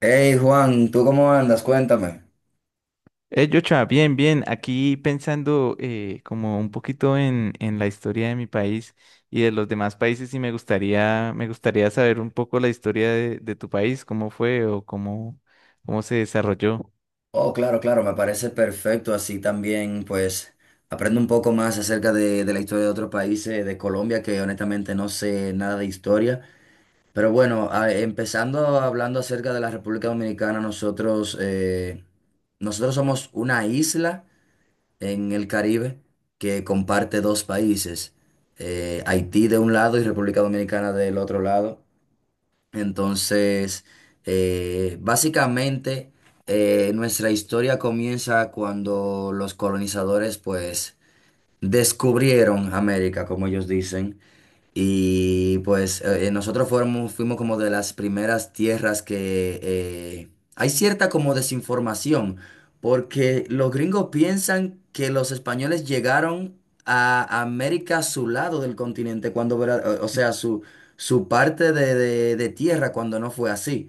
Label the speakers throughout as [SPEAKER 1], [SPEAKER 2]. [SPEAKER 1] Hey Juan, ¿tú cómo andas? Cuéntame.
[SPEAKER 2] Yocha, bien, bien. Aquí pensando como un poquito en la historia de mi país y de los demás países y me gustaría saber un poco la historia de tu país, cómo fue o cómo se desarrolló.
[SPEAKER 1] Oh, claro, claro, me parece perfecto. Así también, pues, aprendo un poco más acerca de la historia de otros países, de Colombia, que honestamente no sé nada de historia. Pero bueno, empezando hablando acerca de la República Dominicana, nosotros, nosotros somos una isla en el Caribe que comparte dos países, Haití de un lado y República Dominicana del otro lado. Entonces, básicamente, nuestra historia comienza cuando los colonizadores, pues, descubrieron América, como ellos dicen. Y pues nosotros fuimos como de las primeras tierras que hay cierta como desinformación, porque los gringos piensan que los españoles llegaron a América a su lado del continente, cuando, o sea, su parte de tierra, cuando no fue así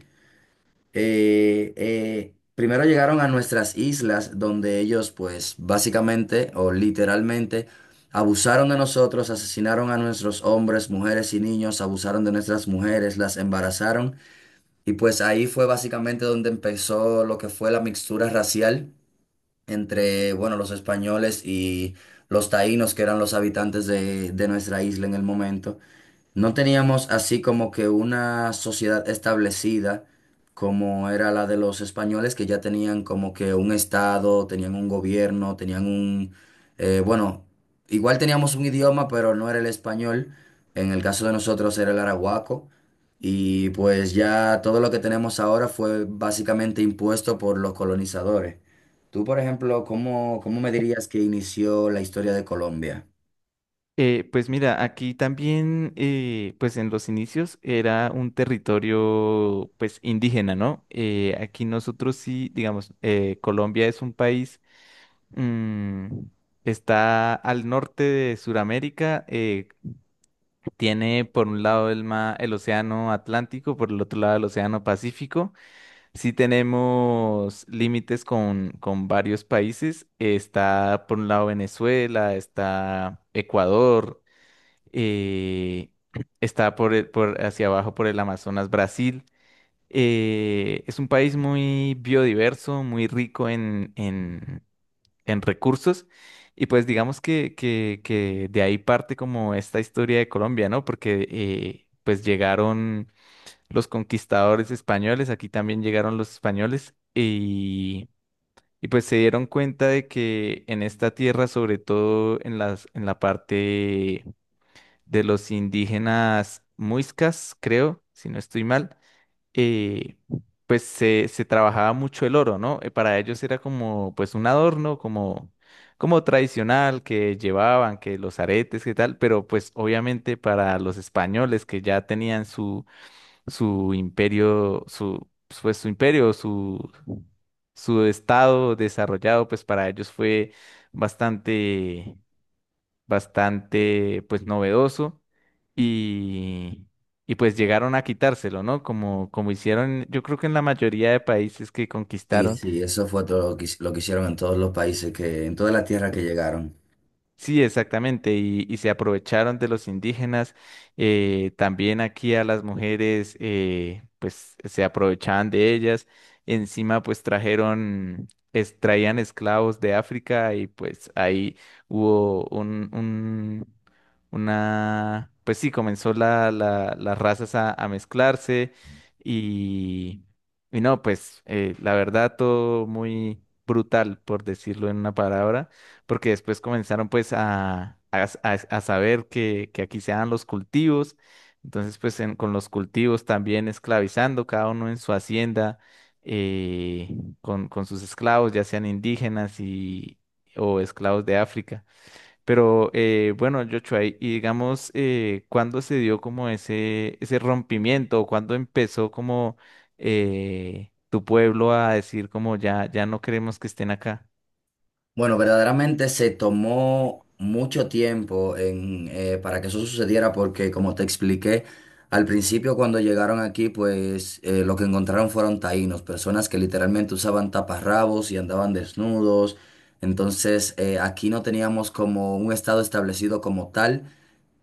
[SPEAKER 1] primero llegaron a nuestras islas donde ellos pues básicamente o literalmente abusaron de nosotros, asesinaron a nuestros hombres, mujeres y niños, abusaron de nuestras mujeres, las embarazaron y pues ahí fue básicamente donde empezó lo que fue la mixtura racial entre, bueno, los españoles y los taínos que eran los habitantes de nuestra isla en el momento. No teníamos así como que una sociedad establecida como era la de los españoles que ya tenían como que un estado, tenían un gobierno, tenían un... bueno, igual teníamos un idioma, pero no era el español. En el caso de nosotros era el arahuaco. Y pues ya todo lo que tenemos ahora fue básicamente impuesto por los colonizadores. Tú, por ejemplo, ¿cómo me dirías que inició la historia de Colombia?
[SPEAKER 2] Pues mira, aquí también, pues en los inicios era un territorio pues indígena, ¿no? Aquí nosotros sí, digamos, Colombia es un país. mm, Está al norte de Sudamérica. Tiene por un lado el océano Atlántico, por el otro lado el océano Pacífico. Sí tenemos límites con, varios países. Está por un lado Venezuela, está Ecuador, eh, está por hacia abajo por el Amazonas Brasil. Es un país muy biodiverso, muy rico en, recursos. Y pues digamos que de ahí parte como esta historia de Colombia, ¿no? Porque pues llegaron los conquistadores españoles, aquí también llegaron los españoles y, pues se dieron cuenta de que en esta tierra, sobre todo en la parte de los indígenas muiscas, creo, si no estoy mal, eh, pues se trabajaba mucho el oro, ¿no? Para ellos era como pues un adorno, como tradicional que llevaban, que los aretes, que tal, pero pues obviamente para los españoles que ya tenían su imperio, su, pues su imperio, su estado desarrollado, pues para ellos fue bastante bastante pues novedoso y, y, pues llegaron a quitárselo, ¿no? Como hicieron yo creo que en la mayoría de países que
[SPEAKER 1] Sí,
[SPEAKER 2] conquistaron.
[SPEAKER 1] sí, eso fue todo lo que hicieron en todos los países, que, en todas las tierras que llegaron.
[SPEAKER 2] Sí, exactamente, y se aprovecharon de los indígenas. También aquí a las mujeres, pues se aprovechaban de ellas. Encima, pues traían esclavos de África y pues ahí hubo una, pues sí, comenzó las razas a mezclarse y, y no, pues la verdad todo muy brutal, por decirlo en una palabra porque después comenzaron pues a saber que aquí se dan los cultivos, entonces pues con los cultivos también esclavizando cada uno en su hacienda, eh, con sus esclavos, ya sean indígenas o esclavos de África. Pero bueno, Joshua, y digamos, ¿cuándo se dio como ese rompimiento? ¿O cuándo empezó como tu pueblo a decir como ya, ya no queremos que estén acá?
[SPEAKER 1] Bueno, verdaderamente se tomó mucho tiempo en, para que eso sucediera porque, como te expliqué, al principio cuando llegaron aquí, pues lo que encontraron fueron taínos, personas que literalmente usaban taparrabos y andaban desnudos. Entonces, aquí no teníamos como un estado establecido como tal.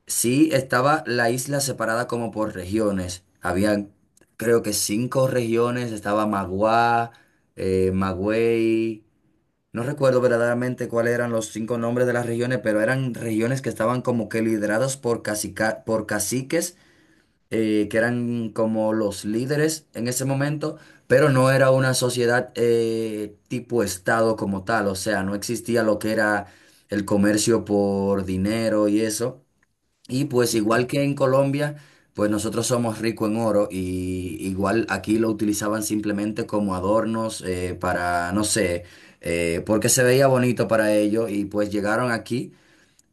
[SPEAKER 1] Sí, estaba la isla separada como por regiones. Había creo que cinco regiones. Estaba Magua, Magüey. No recuerdo verdaderamente cuáles eran los cinco nombres de las regiones, pero eran regiones que estaban como que lideradas por por caciques, que eran como los líderes en ese momento, pero no era una sociedad tipo estado como tal. O sea, no existía lo que era el comercio por dinero y eso. Y pues
[SPEAKER 2] Sí,
[SPEAKER 1] igual que
[SPEAKER 2] claro.
[SPEAKER 1] en Colombia, pues nosotros somos ricos en oro y igual aquí lo utilizaban simplemente como adornos para, no sé, porque se veía bonito para ellos y pues llegaron aquí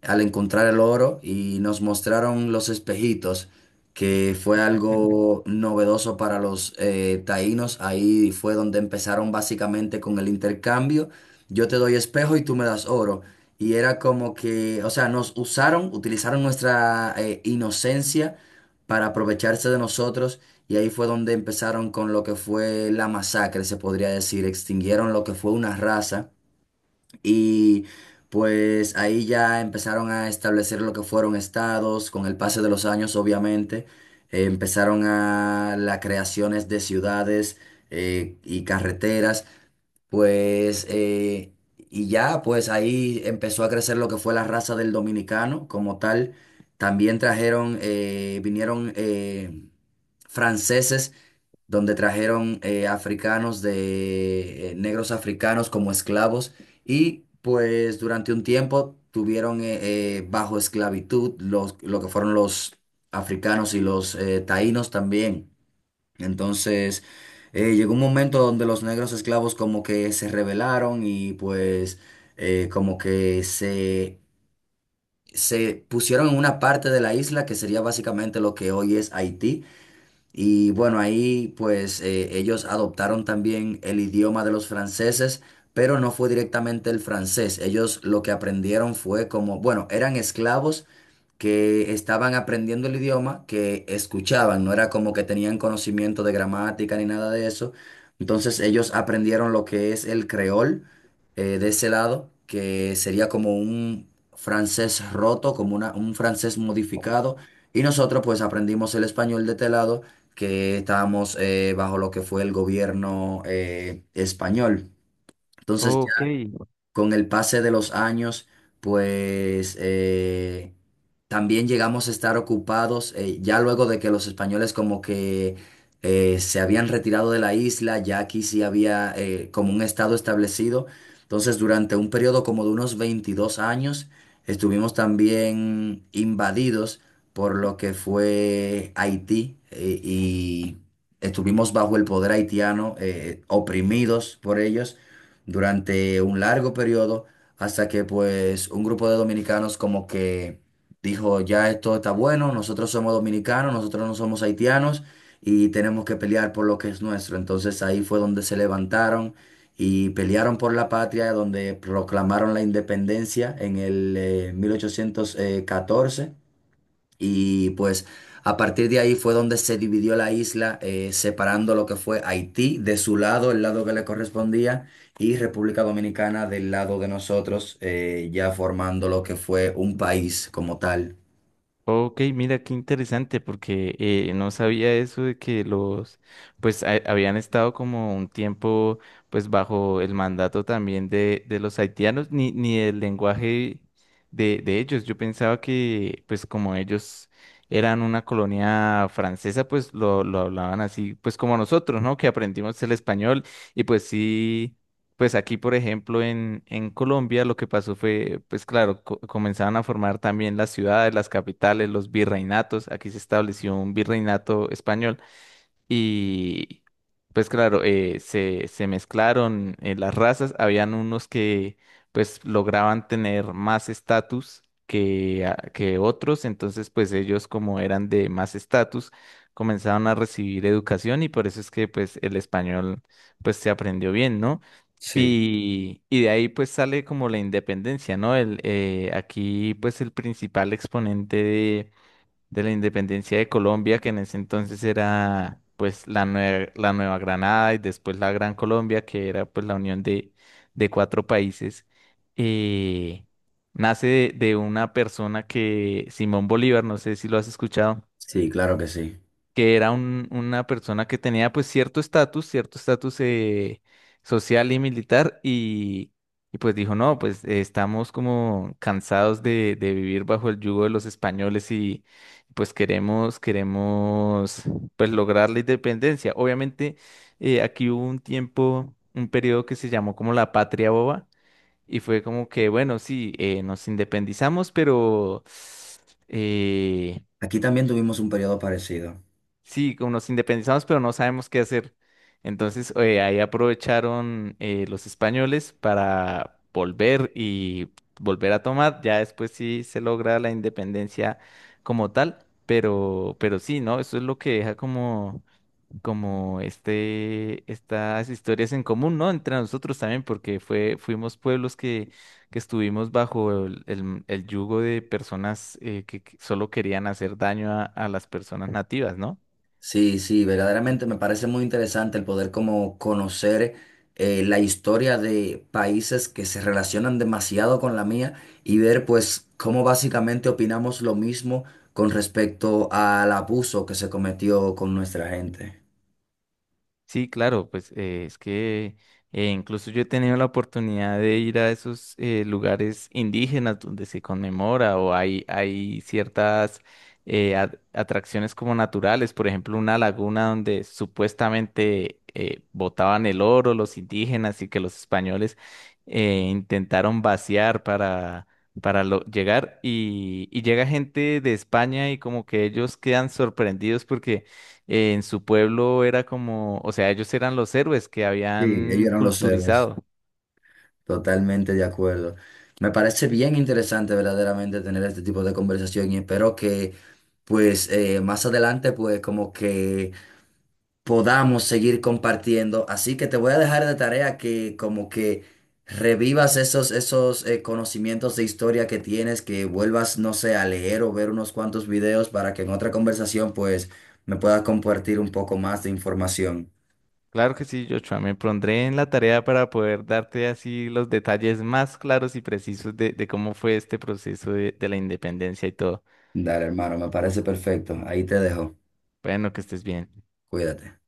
[SPEAKER 1] al encontrar el oro y nos mostraron los espejitos, que fue algo novedoso para los taínos. Ahí fue donde empezaron básicamente con el intercambio. Yo te doy espejo y tú me das oro. Y era como que, o sea, nos usaron, utilizaron nuestra inocencia para aprovecharse de nosotros. Y ahí fue donde empezaron con lo que fue la masacre, se podría decir. Extinguieron lo que fue una raza. Y pues ahí ya empezaron a establecer lo que fueron estados, con el paso de los años obviamente, empezaron a las creaciones de ciudades y carreteras, pues y ya pues ahí empezó a crecer lo que fue la raza del dominicano como tal. También trajeron, vinieron franceses donde trajeron africanos de negros africanos como esclavos y pues durante un tiempo tuvieron bajo esclavitud los, lo que fueron los africanos y los taínos también. Entonces llegó un momento donde los negros esclavos como que se rebelaron y pues como que se... se pusieron en una parte de la isla que sería básicamente lo que hoy es Haití. Y bueno, ahí pues ellos adoptaron también el idioma de los franceses, pero no fue directamente el francés. Ellos lo que aprendieron fue como, bueno, eran esclavos, que estaban aprendiendo el idioma, que escuchaban, no era como que tenían conocimiento de gramática ni nada de eso. Entonces ellos aprendieron lo que es el creol de ese lado, que sería como un francés roto, como un francés modificado. Y nosotros pues aprendimos el español de este lado, que estábamos bajo lo que fue el gobierno español. Entonces
[SPEAKER 2] Ok,
[SPEAKER 1] con el pase de los años, pues también llegamos a estar ocupados, ya luego de que los españoles como que se habían retirado de la isla, ya aquí sí había como un estado establecido. Entonces, durante un periodo como de unos 22 años, estuvimos también invadidos por lo que fue Haití y estuvimos bajo el poder haitiano, oprimidos por ellos durante un largo periodo hasta que pues un grupo de dominicanos como que dijo, ya esto está bueno, nosotros somos dominicanos, nosotros no somos haitianos y tenemos que pelear por lo que es nuestro. Entonces ahí fue donde se levantaron y pelearon por la patria, donde proclamaron la independencia en el 1814. Y pues a partir de ahí fue donde se dividió la isla, separando lo que fue Haití de su lado, el lado que le correspondía, y República Dominicana del lado de nosotros, ya formando lo que fue un país como tal.
[SPEAKER 2] ok, mira qué interesante porque no sabía eso de que los, pues habían estado como un tiempo pues bajo el mandato también de los haitianos, ni el lenguaje de ellos. Yo pensaba que pues como ellos eran una colonia francesa pues lo hablaban así pues como nosotros, ¿no? Que aprendimos el español y pues sí. Pues aquí, por ejemplo, en, Colombia lo que pasó fue, pues claro, comenzaron a formar también las ciudades, las capitales, los virreinatos. Aquí se estableció un virreinato español. Y pues claro, se mezclaron las razas. Habían unos que pues lograban tener más estatus que otros. Entonces pues ellos como eran de más estatus comenzaron a recibir educación y por eso es que pues el español pues se aprendió bien, ¿no?
[SPEAKER 1] Sí.
[SPEAKER 2] Y de ahí pues sale como la independencia, ¿no? Aquí pues el principal exponente de la independencia de Colombia, que en ese entonces era pues la Nueva Granada y después la Gran Colombia, que era pues la unión de cuatro países, eh, nace de una persona que, Simón Bolívar, no sé si lo has escuchado,
[SPEAKER 1] Sí, claro que sí.
[SPEAKER 2] que era una persona que tenía pues cierto estatus, social y militar y, pues dijo, no, pues estamos como cansados de vivir bajo el yugo de los españoles y pues queremos pues lograr la independencia. Obviamente aquí hubo un tiempo, un periodo que se llamó como la Patria Boba y fue como que, bueno, sí, nos independizamos, pero. eh,
[SPEAKER 1] Aquí también tuvimos un periodo parecido.
[SPEAKER 2] Sí, como nos independizamos, pero no sabemos qué hacer. Entonces, ahí aprovecharon los españoles para volver y volver a tomar. Ya después sí se logra la independencia como tal, pero sí, ¿no? Eso es lo que deja como estas historias en común, ¿no? Entre nosotros también, porque fuimos pueblos que estuvimos bajo el yugo de personas, que solo querían hacer daño a las personas nativas, ¿no?
[SPEAKER 1] Sí, sí, verdaderamente me parece muy interesante el poder como conocer la historia de países que se relacionan demasiado con la mía y ver pues cómo básicamente opinamos lo mismo con respecto al abuso que se cometió con nuestra gente.
[SPEAKER 2] Sí, claro, pues es que incluso yo he tenido la oportunidad de ir a esos lugares indígenas donde se conmemora o hay, ciertas atracciones como naturales, por ejemplo, una laguna donde supuestamente botaban el oro los indígenas y que los españoles intentaron vaciar para llegar y llega gente de España y como que ellos quedan sorprendidos porque en su pueblo era como, o sea, ellos eran los héroes que
[SPEAKER 1] Sí, ellos
[SPEAKER 2] habían
[SPEAKER 1] eran los héroes,
[SPEAKER 2] culturizado.
[SPEAKER 1] totalmente de acuerdo. Me parece bien interesante verdaderamente tener este tipo de conversación y espero que pues más adelante pues como que podamos seguir compartiendo. Así que te voy a dejar de tarea que como que revivas esos conocimientos de historia que tienes, que vuelvas, no sé, a leer o ver unos cuantos videos para que en otra conversación pues me puedas compartir un poco más de información.
[SPEAKER 2] Claro que sí, Joshua, me pondré en la tarea para poder darte así los detalles más claros y precisos de cómo fue este proceso de la independencia y todo.
[SPEAKER 1] Dale, hermano, me parece perfecto. Ahí te dejo.
[SPEAKER 2] Bueno, que estés bien.
[SPEAKER 1] Cuídate.